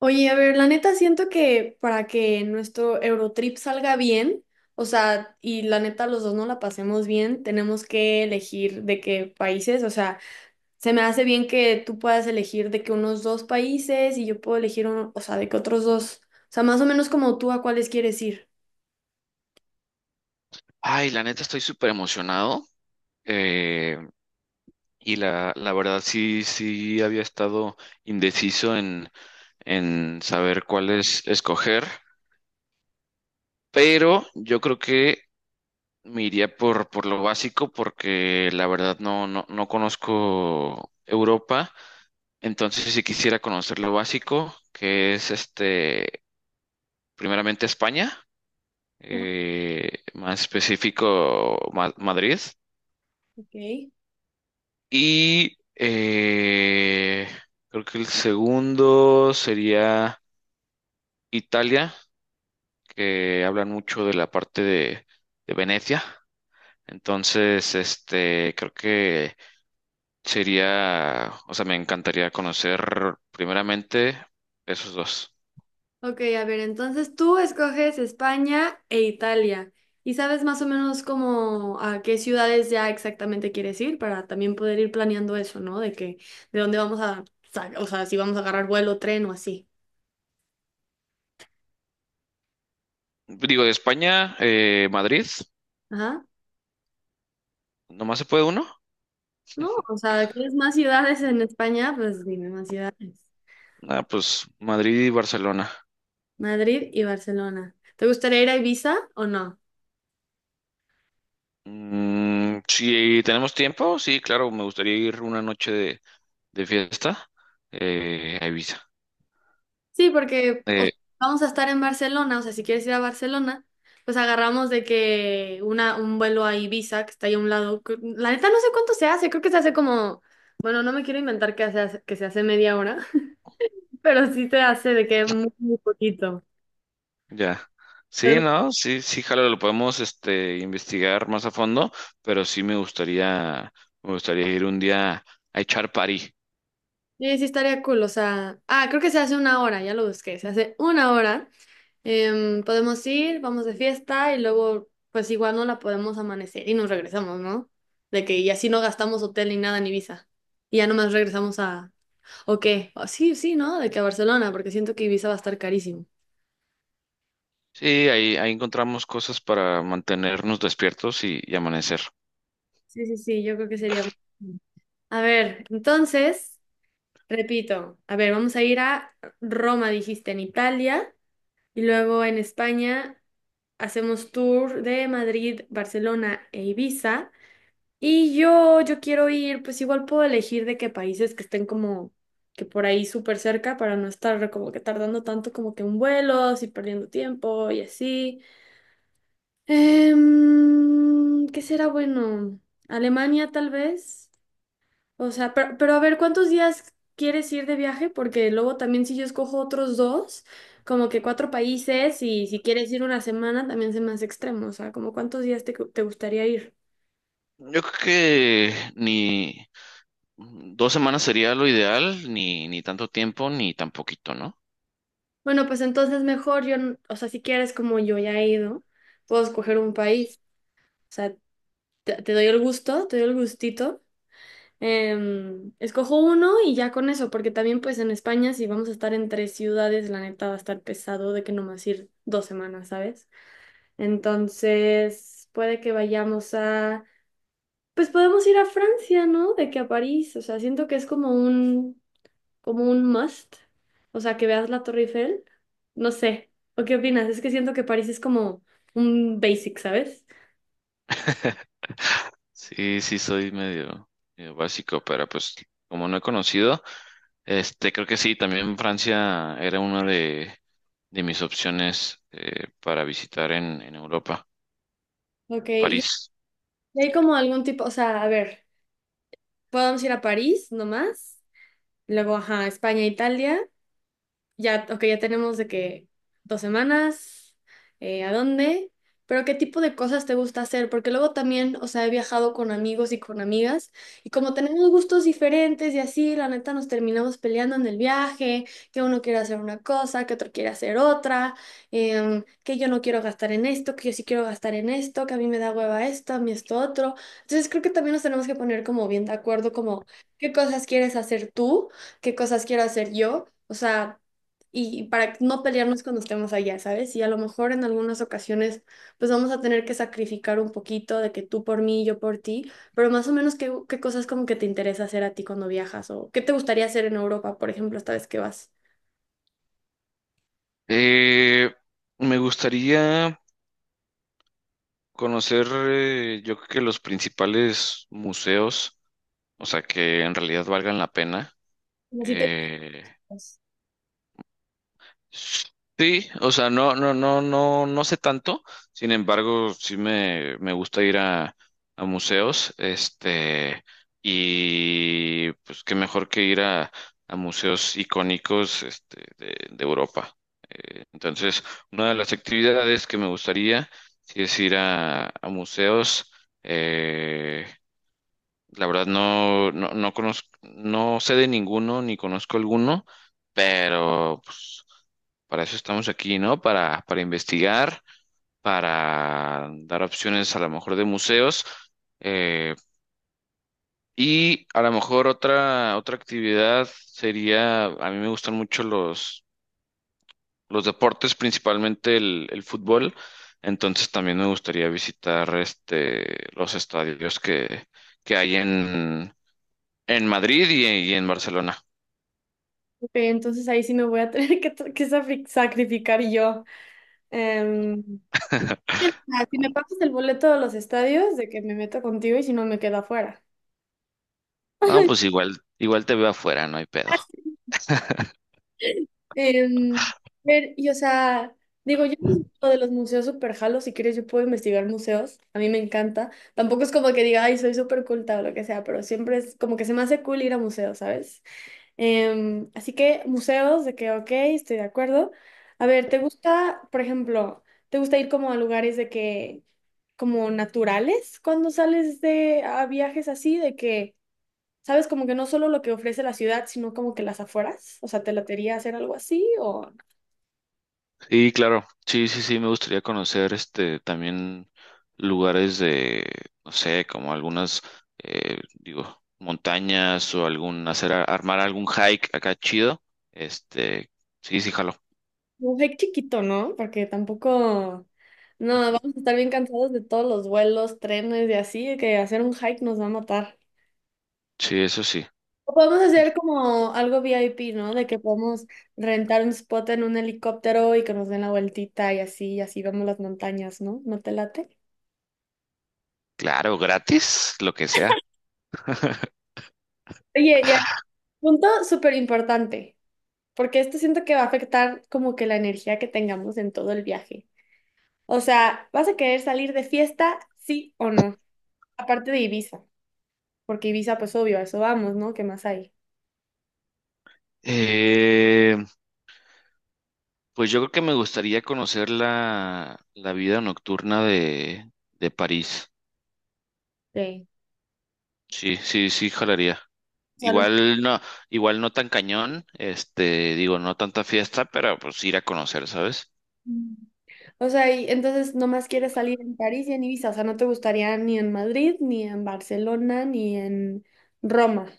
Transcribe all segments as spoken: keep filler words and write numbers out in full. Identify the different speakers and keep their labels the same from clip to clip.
Speaker 1: Oye, a ver, la neta siento que para que nuestro Eurotrip salga bien, o sea, y la neta los dos no la pasemos bien, tenemos que elegir de qué países, o sea, se me hace bien que tú puedas elegir de que unos dos países y yo puedo elegir uno, o sea, de que otros dos, o sea, más o menos como tú a cuáles quieres ir.
Speaker 2: Ay, la neta estoy súper emocionado. eh, y la, la verdad sí, sí había estado indeciso en, en saber cuál es escoger. Pero yo creo que me iría por, por lo básico porque la verdad no, no, no conozco Europa. Entonces si quisiera conocer lo básico, que es este, primeramente España,
Speaker 1: Ah,
Speaker 2: eh, más específico Ma- Madrid.
Speaker 1: ok.
Speaker 2: Y eh, creo que el segundo sería Italia, que hablan mucho de la parte de, de Venecia. Entonces, este, creo que sería, o sea, me encantaría conocer primeramente esos dos.
Speaker 1: Ok, a ver, entonces tú escoges España e Italia y sabes más o menos como a qué ciudades ya exactamente quieres ir para también poder ir planeando eso, ¿no? De que, de dónde vamos a, sa- o sea, si vamos a agarrar vuelo, tren o así.
Speaker 2: Digo, de España, eh, Madrid,
Speaker 1: Ajá.
Speaker 2: ¿nomás se puede uno?
Speaker 1: No, o sea, ¿quieres más ciudades en España? Pues dime más ciudades.
Speaker 2: Ah, pues Madrid y Barcelona.
Speaker 1: Madrid y Barcelona. ¿Te gustaría ir a Ibiza o no?
Speaker 2: Mm, si tenemos tiempo, sí, claro, me gustaría ir una noche de de fiesta, eh, a
Speaker 1: Sí, porque o
Speaker 2: Eh,
Speaker 1: sea, vamos a estar en Barcelona, o sea, si quieres ir a Barcelona, pues agarramos de que una, un vuelo a Ibiza, que está ahí a un lado. Cre- La neta no sé cuánto se hace, creo que se hace como, bueno, no me quiero inventar que se hace, que se hace media hora, pero sí se hace de que muy, muy poquito.
Speaker 2: ya. Sí,
Speaker 1: Pero
Speaker 2: no, sí, sí, jalo, lo podemos este, investigar más a fondo, pero sí me gustaría, me gustaría ir un día a echar party.
Speaker 1: sí, sí estaría cool, o sea, ah, creo que se hace una hora, ya lo busqué, se hace una hora. Em, podemos ir, vamos de fiesta y luego, pues igual no la podemos amanecer y nos regresamos, ¿no? De que y así no gastamos hotel ni nada en Ibiza. Y ya nomás regresamos a... ¿O qué? O- sí, sí, ¿no? De que a Barcelona, porque siento que Ibiza va a estar carísimo.
Speaker 2: Sí, ahí, ahí encontramos cosas para mantenernos despiertos y, y amanecer.
Speaker 1: Sí, sí, sí, yo creo que sería... A ver, entonces, repito, a ver, vamos a ir a Roma, dijiste, en Italia, y luego en España hacemos tour de Madrid, Barcelona e Ibiza. Y yo, yo quiero ir, pues igual puedo elegir de qué países que estén como que por ahí súper cerca para no estar como que tardando tanto como que en vuelos y perdiendo tiempo y así. Em, ¿qué será bueno? Alemania tal vez. O sea, pero, pero a ver, ¿cuántos días quieres ir de viaje? Porque luego también si yo escojo otros dos, como que cuatro países y si quieres ir una semana también se me hace extremo. O sea, ¿como cuántos días te, te gustaría ir?
Speaker 2: Yo creo que ni dos semanas sería lo ideal, ni, ni tanto tiempo, ni tan poquito, ¿no?
Speaker 1: Bueno, pues entonces mejor yo, n- o sea, si quieres como yo ya he ido, puedo escoger un país. O sea, te, te doy el gusto, te doy el gustito. Em, escojo uno y ya con eso, porque también pues en España si vamos a estar en tres ciudades, la neta va a estar pesado de que nomás ir dos semanas, ¿sabes? Entonces puede que vayamos a, pues podemos ir a Francia, ¿no? De que a París, o sea, siento que es como un como un must, o sea, que veas la Torre Eiffel, no sé, ¿o qué opinas? Es que siento que París es como un basic, ¿sabes?
Speaker 2: Sí, sí, soy medio, medio básico, pero pues como no he conocido, este, creo que sí, también Francia era una de, de mis opciones eh, para visitar en, en Europa,
Speaker 1: Ok, y
Speaker 2: París.
Speaker 1: y hay como algún tipo, o sea, a ver, podemos ir a París nomás, luego, ajá, España, Italia. Ya, ok, ya tenemos de que dos semanas, eh, ¿a dónde? Pero ¿qué tipo de cosas te gusta hacer? Porque luego también, o sea, he viajado con amigos y con amigas y como tenemos gustos diferentes y así, la neta nos terminamos peleando en el viaje, que uno quiere hacer una cosa, que otro quiere hacer otra, em, que yo no quiero gastar en esto, que yo sí quiero gastar en esto, que a mí me da hueva esto, a mí esto otro. Entonces creo que también nos tenemos que poner como bien de acuerdo, como qué cosas quieres hacer tú, qué cosas quiero hacer yo. O sea, y para no pelearnos cuando estemos allá, ¿sabes? Y a lo mejor en algunas ocasiones pues vamos a tener que sacrificar un poquito de que tú por mí, yo por ti, pero más o menos qué, qué cosas como que te interesa hacer a ti cuando viajas o qué te gustaría hacer en Europa, por ejemplo, esta vez que vas.
Speaker 2: Eh, me gustaría conocer, eh, yo creo que los principales museos, o sea, que en realidad valgan la pena.
Speaker 1: Como si te-
Speaker 2: Eh,
Speaker 1: pues,
Speaker 2: Sí, o sea, no, no, no, no, no sé tanto. Sin embargo, sí me, me gusta ir a, a museos, este, y pues qué mejor que ir a, a museos icónicos, este, de, de Europa. Eh, entonces, una de las actividades que me gustaría, sí es ir a, a museos. Eh, la verdad no, no, no conozco, no sé de ninguno, ni conozco alguno, pero pues, para eso estamos aquí, ¿no? Para, para investigar, para dar opciones a lo mejor de museos. eh, y a lo mejor otra, otra actividad sería, a mí me gustan mucho los, los deportes, principalmente el, el fútbol. Entonces también me gustaría visitar este, los estadios que, que hay en, en Madrid y, y en Barcelona.
Speaker 1: ok, entonces ahí sí me voy a tener que, que safri- sacrificar yo. Em, ah, si me pagas el boleto de los estadios, de que me meto contigo y si no me quedo afuera.
Speaker 2: No, pues igual, igual te veo afuera, no hay pedo.
Speaker 1: Em, ver, y o sea, digo, yo no sé lo de los museos super jalo, si quieres yo puedo investigar museos, a mí me encanta. Tampoco es como que diga, ay, soy súper culta o lo que sea, pero siempre es como que se me hace cool ir a museos, ¿sabes? Em, así que museos, de que, ok, estoy de acuerdo. A ver, ¿te gusta, por ejemplo, te gusta ir como a lugares de que, como naturales, cuando sales de a viajes así, de que... ¿Sabes? Como que no solo lo que ofrece la ciudad, sino como que las afueras. O sea, ¿te latería hacer algo así? O
Speaker 2: Y claro, sí, sí, sí, me gustaría conocer este también lugares de, no sé, como algunas, eh, digo, montañas o algún, hacer, a- armar algún hike acá chido. Este, sí, sí, jalo.
Speaker 1: un hike chiquito, ¿no? Porque tampoco. No, vamos a estar bien cansados de todos los vuelos, trenes y así, que hacer un hike nos va a matar.
Speaker 2: Sí, eso sí.
Speaker 1: O podemos hacer como algo V I P, ¿no? De que podemos rentar un spot en un helicóptero y que nos den la vueltita y así, y así vemos las montañas, ¿no? ¿No te late?
Speaker 2: Claro, gratis, lo que sea.
Speaker 1: Oye, ya, punto súper importante, porque esto siento que va a afectar como que la energía que tengamos en todo el viaje. O sea, ¿vas a querer salir de fiesta, sí o no? Aparte de Ibiza, porque Ibiza, pues obvio, a eso vamos, ¿no? ¿Qué más hay?
Speaker 2: Eh, pues yo creo que me gustaría conocer la, la vida nocturna de, de París.
Speaker 1: Sí.
Speaker 2: Sí, sí, sí, jalaría.
Speaker 1: O sea, no-
Speaker 2: Igual no, igual no tan cañón, este, digo, no tanta fiesta, pero pues ir a conocer, ¿sabes?
Speaker 1: O sea, y entonces nomás quieres salir en París y en Ibiza, o sea, no te gustaría ni en Madrid, ni en Barcelona, ni en Roma,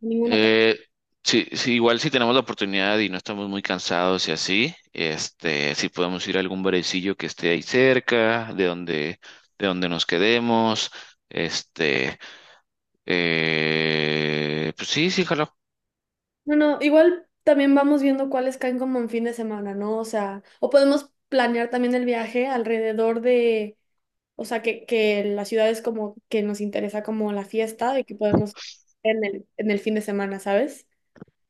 Speaker 1: ninguna.
Speaker 2: Eh, sí, sí, igual si tenemos la oportunidad y no estamos muy cansados y así, este, si podemos ir a algún barecillo que esté ahí cerca, de donde, de donde nos quedemos, este, eh, pues sí, sí, jalo.
Speaker 1: No, no, igual también vamos viendo cuáles caen como en fin de semana, ¿no? O sea, o podemos planear también el viaje alrededor de, o sea, que, que la ciudad es como que nos interesa como la fiesta, de que podemos en el, en el fin de semana, ¿sabes?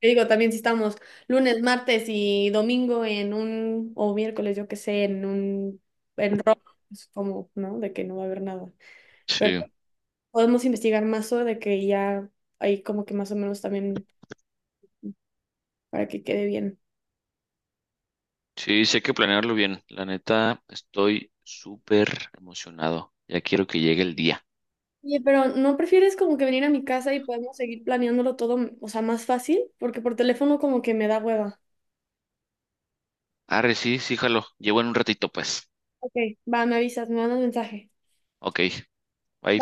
Speaker 1: Te digo, también si estamos lunes, martes y domingo en un, o miércoles, yo qué sé, en un, en rock, es como, ¿no? De que no va a haber nada. Pero
Speaker 2: Sí,
Speaker 1: podemos investigar más sobre de que ya hay como que más o menos también para que quede bien.
Speaker 2: sí, sí hay que planearlo bien. La neta, estoy súper emocionado. Ya quiero que llegue el día.
Speaker 1: Oye, pero ¿no prefieres como que venir a mi casa y podemos seguir planeándolo todo, o sea, más fácil? Porque por teléfono como que me da hueva.
Speaker 2: Arre, sí, sí, jalo. Llevo en un ratito, pues.
Speaker 1: Ok, va, me avisas, me mandas mensaje.
Speaker 2: Ok, ahí